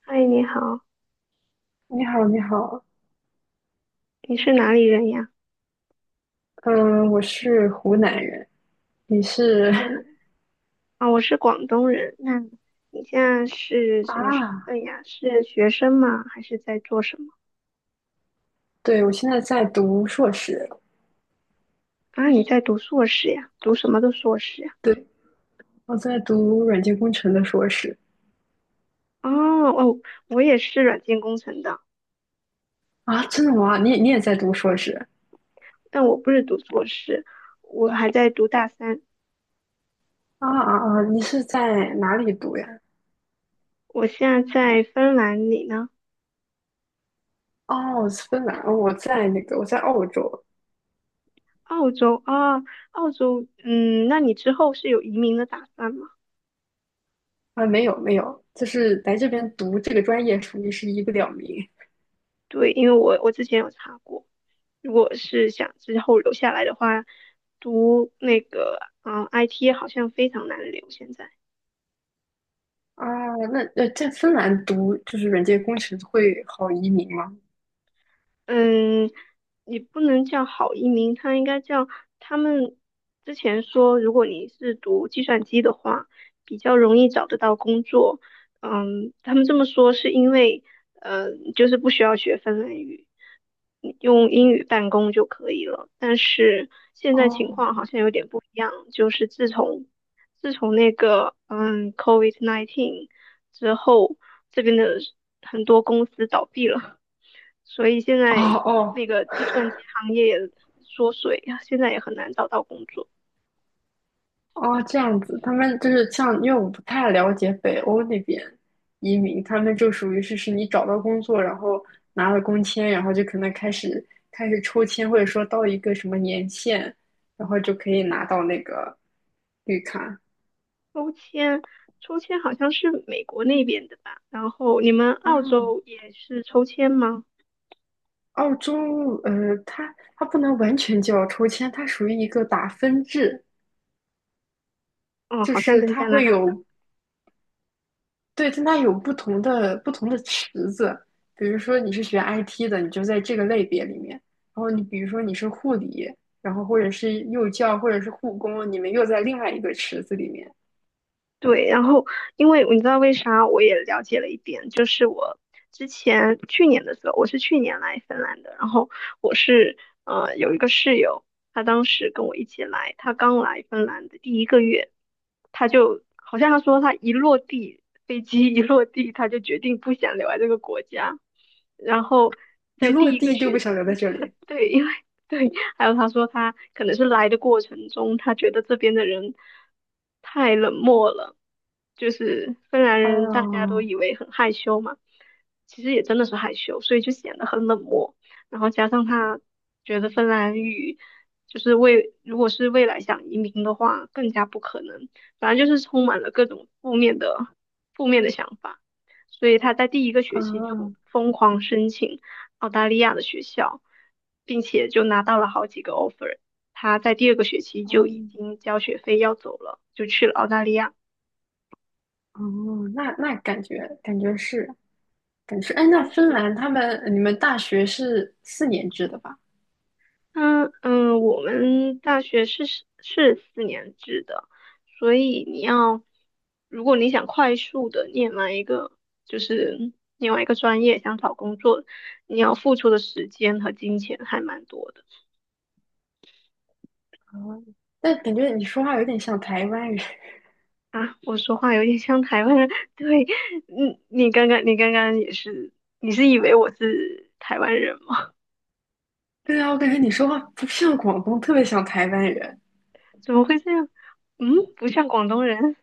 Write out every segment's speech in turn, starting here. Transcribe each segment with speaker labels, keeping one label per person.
Speaker 1: 嗨，你好，
Speaker 2: 你好，你好，
Speaker 1: 你是哪里人呀？
Speaker 2: 嗯，我是湖南人。你是
Speaker 1: 嗯啊，我是广东人。那你现在是
Speaker 2: 啊？
Speaker 1: 什么身份呀？是学生吗？还是在做什么？
Speaker 2: 对，我现在在读硕士。
Speaker 1: 啊，你在读硕士呀？读什么的硕士呀？
Speaker 2: 对，我在读软件工程的硕士。
Speaker 1: 哦哦，我也是软件工程的，
Speaker 2: 啊，真的吗？你也在读硕士。
Speaker 1: 但我不是读硕士，我还在读大三。
Speaker 2: 啊啊啊！你是在哪里读呀？
Speaker 1: 我现在在芬兰，里呢？
Speaker 2: 哦，我是芬兰。哦，我在澳洲。
Speaker 1: 澳洲啊，澳洲，嗯，那你之后是有移民的打算吗？
Speaker 2: 啊，没有没有，就是来这边读这个专业，属于是一个了名。
Speaker 1: 对，因为我之前有查过。如果是想之后留下来的话，读那个IT 好像非常难留现在。
Speaker 2: 啊，那在芬兰读就是软件工程会好移民吗？
Speaker 1: 嗯，你不能叫好移民，他应该叫他们之前说，如果你是读计算机的话，比较容易找得到工作。嗯，他们这么说是因为，呃，就是不需要学芬兰语，你用英语办公就可以了。但是现在情
Speaker 2: 哦
Speaker 1: 况好像有点不一样，就是自从那个COVID-19 之后，这边的很多公司倒闭了。所以现
Speaker 2: 哦
Speaker 1: 在
Speaker 2: 哦。
Speaker 1: 那个计算机行业也缩水呀，现在也很难找到工作。
Speaker 2: 哦，这样子。他们就是像，因为我不太了解北欧那边移民，他们就属于是你找到工作，然后拿了工签，然后就可能开始抽签，或者说到一个什么年限，然后就可以拿到那个绿卡。
Speaker 1: 抽签，抽签好像是美国那边的吧？然后你们
Speaker 2: 啊，
Speaker 1: 澳洲也是抽签吗？
Speaker 2: 澳洲，它不能完全叫抽签，它属于一个打分制。
Speaker 1: 哦，
Speaker 2: 就
Speaker 1: 好像
Speaker 2: 是
Speaker 1: 跟
Speaker 2: 它
Speaker 1: 加拿
Speaker 2: 会
Speaker 1: 大。
Speaker 2: 有。对，但它有不同的池子。比如说你是学 IT 的，你就在这个类别里面；然后你比如说你是护理，然后或者是幼教，或者是护工，你们又在另外一个池子里面。
Speaker 1: 对，然后因为你知道为啥我也了解了一点，就是我之前去年的时候，我是去年来芬兰的，然后我是有一个室友，他当时跟我一起来，他刚来芬兰的第一个月，他就好像他说他一落地，飞机一落地，他就决定不想留在这个国家，然后
Speaker 2: 一
Speaker 1: 在
Speaker 2: 落
Speaker 1: 第一个
Speaker 2: 地就不
Speaker 1: 学
Speaker 2: 想留在
Speaker 1: 期，
Speaker 2: 这里。
Speaker 1: 对，因为对，还有他说他可能是来的过程中，他觉得这边的人太冷漠了，就是芬兰人大家都
Speaker 2: 哦，
Speaker 1: 以为很害羞嘛，其实也真的是害羞，所以就显得很冷漠。然后加上他觉得芬兰语就是未，如果是未来想移民的话，更加不可能。反正就是充满了各种负面的想法，所以他在第一个学期就
Speaker 2: 哦，
Speaker 1: 疯狂申请，澳大利亚的学校，并且就拿到了好几个 offer。他在第二个学期就
Speaker 2: 哦，
Speaker 1: 已经交学费要走了，就去了澳大利亚。
Speaker 2: 哦，那感觉是，哎，那
Speaker 1: 他
Speaker 2: 芬
Speaker 1: 是，
Speaker 2: 兰他们你们大学是4年制的吧？
Speaker 1: 嗯嗯，我们大学是4年制的，所以你要，如果你想快速的念完一个，就是另外一个专业，想找工作，你要付出的时间和金钱还蛮多的。
Speaker 2: 啊，但感觉你说话有点像台湾人。
Speaker 1: 啊，我说话有点像台湾人，对，嗯，你刚刚也是，你是以为我是台湾人吗？
Speaker 2: 对啊，我感觉你说话不像广东，特别像台湾人。
Speaker 1: 怎么会这样？嗯，不像广东人，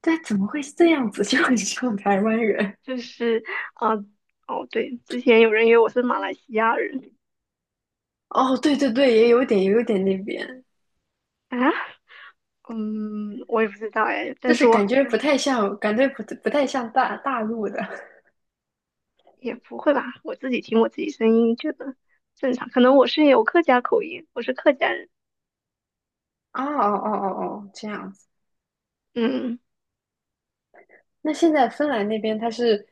Speaker 2: 对，怎么会是这样子？就很像台湾人。
Speaker 1: 就是啊、呃哦，对，之前有人以为我是马来西亚人
Speaker 2: 哦，对对对，也有点，也有点那边。
Speaker 1: 啊，嗯，我也不知道哎，
Speaker 2: 就
Speaker 1: 但是
Speaker 2: 是
Speaker 1: 我
Speaker 2: 感
Speaker 1: 好
Speaker 2: 觉
Speaker 1: 像
Speaker 2: 不太像，感觉不太像大陆的。
Speaker 1: 也不会吧，我自己听我自己声音觉得正常，可能我是有客家口音，我是客家人，
Speaker 2: 哦哦哦哦哦，这样子。
Speaker 1: 嗯，
Speaker 2: 那现在芬兰那边它是，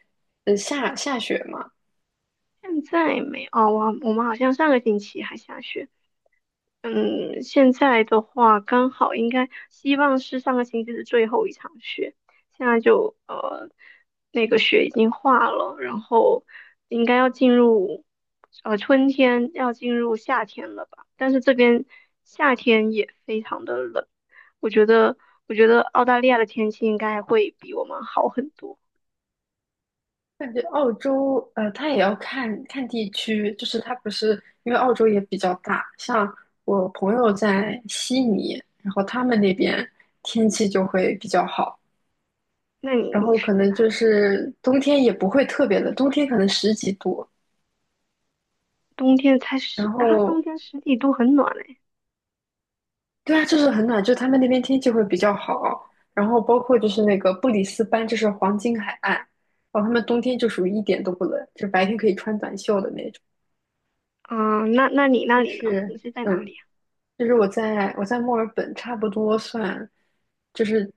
Speaker 2: 下雪嘛？
Speaker 1: 现在没哦，我们好像上个星期还下雪。嗯，现在的话刚好应该希望是上个星期的最后一场雪，现在就那个雪已经化了，然后应该要进入春天，要进入夏天了吧？但是这边夏天也非常的冷，我觉得我觉得澳大利亚的天气应该会比我们好很多。
Speaker 2: 感觉澳洲，它也要看看地区。就是它不是因为澳洲也比较大。像我朋友在悉尼，然后他们那边天气就会比较好。
Speaker 1: 那你
Speaker 2: 然
Speaker 1: 你
Speaker 2: 后可
Speaker 1: 是在
Speaker 2: 能
Speaker 1: 哪
Speaker 2: 就
Speaker 1: 里呀？
Speaker 2: 是冬天也不会特别冷，冬天可能十几度。
Speaker 1: 冬天才
Speaker 2: 然
Speaker 1: 十啊，冬
Speaker 2: 后
Speaker 1: 天十几度很暖嘞。
Speaker 2: 对啊，就是很暖。就他们那边天气会比较好，然后包括就是那个布里斯班，就是黄金海岸，然后他们冬天就属于一点都不冷，就白天可以穿短袖的那种。
Speaker 1: 嗯，那你那
Speaker 2: 但
Speaker 1: 里呢？
Speaker 2: 是
Speaker 1: 你是在哪里呀？
Speaker 2: 就是我在墨尔本。差不多算就是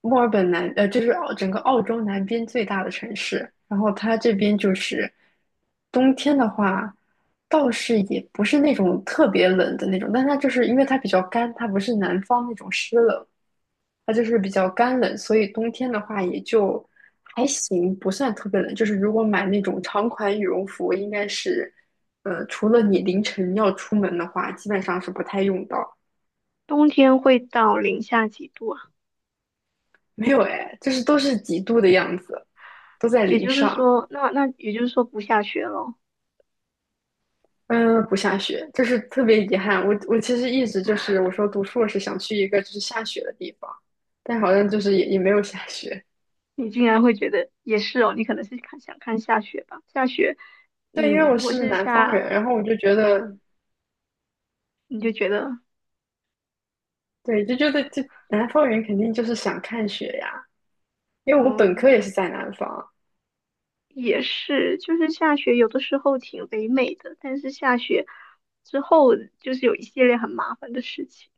Speaker 2: 墨尔本南就是整个澳洲南边最大的城市。然后它这边就是冬天的话，倒是也不是那种特别冷的那种。但它就是因为它比较干，它不是南方那种湿冷，它就是比较干冷。所以冬天的话也就还行，不算特别冷。就是如果买那种长款羽绒服，应该是。除了你凌晨要出门的话，基本上是不太用到。
Speaker 1: 冬天会到零下几度啊？
Speaker 2: 没有哎，就是都是几度的样子，都在
Speaker 1: 也
Speaker 2: 零
Speaker 1: 就是
Speaker 2: 上。
Speaker 1: 说，那也就是说不下雪咯。
Speaker 2: 嗯，不下雪，就是特别遗憾。我其实一直就是我说读硕士想去一个就是下雪的地方，但好像就是也没有下雪。
Speaker 1: 你竟然会觉得也是哦，你可能是想看下雪吧？下雪，
Speaker 2: 对，因为
Speaker 1: 嗯，
Speaker 2: 我
Speaker 1: 如果
Speaker 2: 是
Speaker 1: 是
Speaker 2: 南方
Speaker 1: 下，
Speaker 2: 人，然后我就觉
Speaker 1: 哦，
Speaker 2: 得。
Speaker 1: 你就觉得，
Speaker 2: 对，就觉得就南方人肯定就是想看雪呀。因为我本科
Speaker 1: 嗯，
Speaker 2: 也是在南方。
Speaker 1: 也是，就是下雪有的时候挺唯美的，但是下雪之后就是有一系列很麻烦的事情。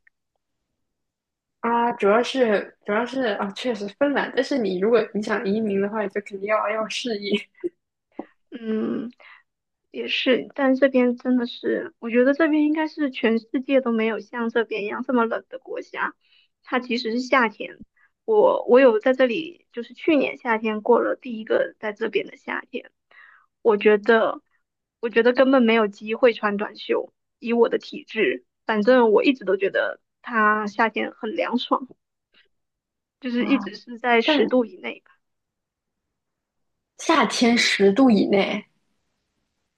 Speaker 2: 啊，主要是啊，确实芬兰，但是你如果你想移民的话，你就肯定要适应。
Speaker 1: 嗯，也是，但这边真的是，我觉得这边应该是全世界都没有像这边一样这么冷的国家。它即使是夏天，我有在这里，就是去年夏天过了第一个在这边的夏天，我觉得我觉得根本没有机会穿短袖，以我的体质，反正我一直都觉得它夏天很凉爽，就是
Speaker 2: 啊。
Speaker 1: 一直是在十
Speaker 2: 但
Speaker 1: 度以内。
Speaker 2: 夏天10度以内。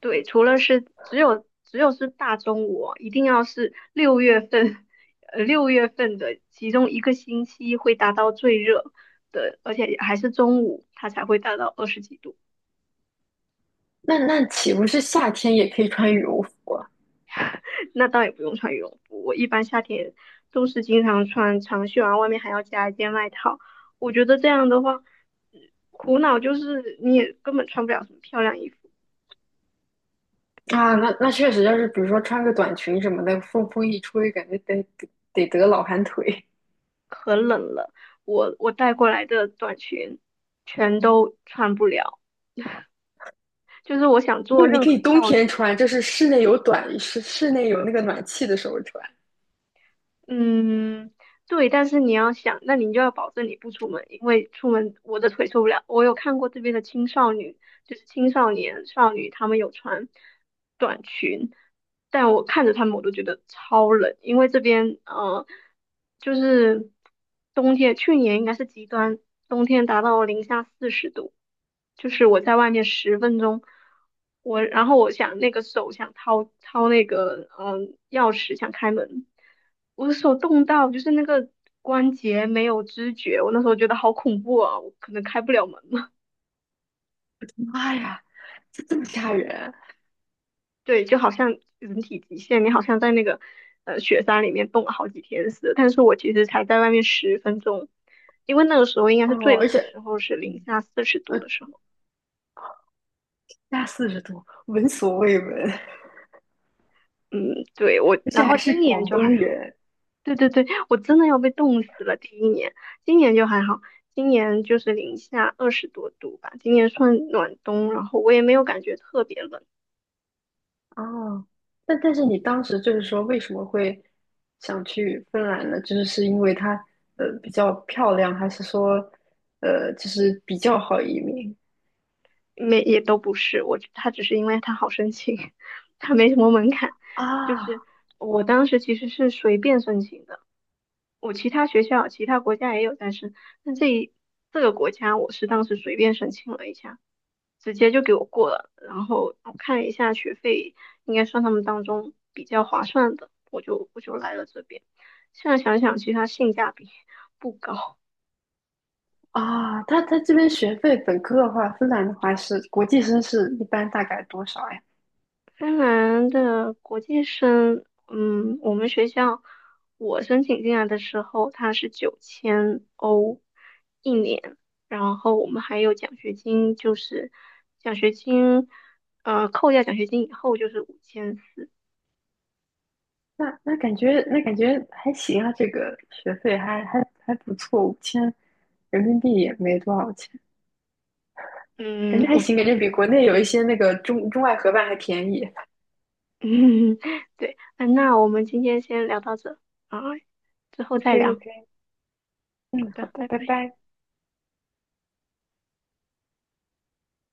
Speaker 1: 对，除了是只有是大中午哦一定要是六月份的其中一个星期会达到最热的，而且还是中午，它才会达到20几度。
Speaker 2: 那岂不是夏天也可以穿羽绒服啊？
Speaker 1: 那倒也不用穿羽绒服，我一般夏天都是经常穿长袖啊，然后外面还要加一件外套。我觉得这样的话，呃苦恼就是你也根本穿不了什么漂亮衣服，
Speaker 2: 啊，那确实。要是比如说穿个短裙什么的，风一吹，感觉得老寒腿。
Speaker 1: 可冷了。我带过来的短裙全都穿不了。就是我想
Speaker 2: 没
Speaker 1: 做
Speaker 2: 有，你
Speaker 1: 任
Speaker 2: 可以
Speaker 1: 何
Speaker 2: 冬
Speaker 1: 造
Speaker 2: 天
Speaker 1: 型
Speaker 2: 穿，
Speaker 1: 都
Speaker 2: 就
Speaker 1: 不，
Speaker 2: 是室内有那个暖气的时候穿。
Speaker 1: 嗯，对，但是你要想，那你就要保证你不出门，因为出门我的腿受不了。我有看过这边的青少女，就是青少年少女，他们有穿。但我看着他们我都觉得超冷，因为这边就是冬天，去年应该是极端，冬天达到零下四十度，就是我在外面十分钟，然后我想那个手想掏掏那个钥匙想开门，我的手冻到就是那个关节没有知觉，我那时候觉得好恐怖啊，我可能开不了门了。
Speaker 2: 妈呀，这么吓人。
Speaker 1: 对，就好像人体极限，你好像在那个雪山里面冻了好几天似的。但是我其实才在外面十分钟，因为那个时候应该是最
Speaker 2: 哦！而
Speaker 1: 冷的时
Speaker 2: 且，
Speaker 1: 候，是零
Speaker 2: 嗯，
Speaker 1: 下四十度
Speaker 2: 呃，
Speaker 1: 的时候。
Speaker 2: 加40度，闻所未闻。
Speaker 1: 嗯，对，我，
Speaker 2: 而且
Speaker 1: 然后
Speaker 2: 还是
Speaker 1: 今年
Speaker 2: 广
Speaker 1: 就还
Speaker 2: 东
Speaker 1: 好。
Speaker 2: 人。
Speaker 1: 对对对，我真的要被冻死了。第一年，今年就还好，今年就是零下20多度吧，今年算暖冬，然后我也没有感觉特别冷。
Speaker 2: 哦，那但是你当时就是说为什么会想去芬兰呢？就是是因为它比较漂亮，还是说就是比较好移民
Speaker 1: 没也都不是，他只是因为他好申请，他没什么门槛，就是
Speaker 2: 啊。
Speaker 1: 我当时其实是随便申请的，我其他学校、其他国家也有在申，但这个国家我是当时随便申请了一下，直接就给我过了，然后我看了一下学费，应该算他们当中比较划算的，我就来了这边。现在想想，其实它性价比不高，
Speaker 2: 啊？它这边学费本科的话，芬兰的话是国际生是一般大概多少呀？
Speaker 1: 芬兰的国际生，嗯，我们学校我申请进来的时候，它是9000欧一年，然后我们还有奖学金，就是奖学金，扣掉奖学金以后就是5400，
Speaker 2: 那感觉还行啊。这个学费还不错。5000人民币也没多少钱。感
Speaker 1: 嗯，
Speaker 2: 觉还
Speaker 1: 五
Speaker 2: 行。感
Speaker 1: 千，
Speaker 2: 觉比国内有一
Speaker 1: 对，
Speaker 2: 些那个中外合办还便宜。
Speaker 1: 嗯，对，那我们今天先聊到这啊，之后再
Speaker 2: OK
Speaker 1: 聊，
Speaker 2: OK。
Speaker 1: 好
Speaker 2: 嗯，好
Speaker 1: 的，
Speaker 2: 的，
Speaker 1: 拜
Speaker 2: 拜
Speaker 1: 拜。
Speaker 2: 拜。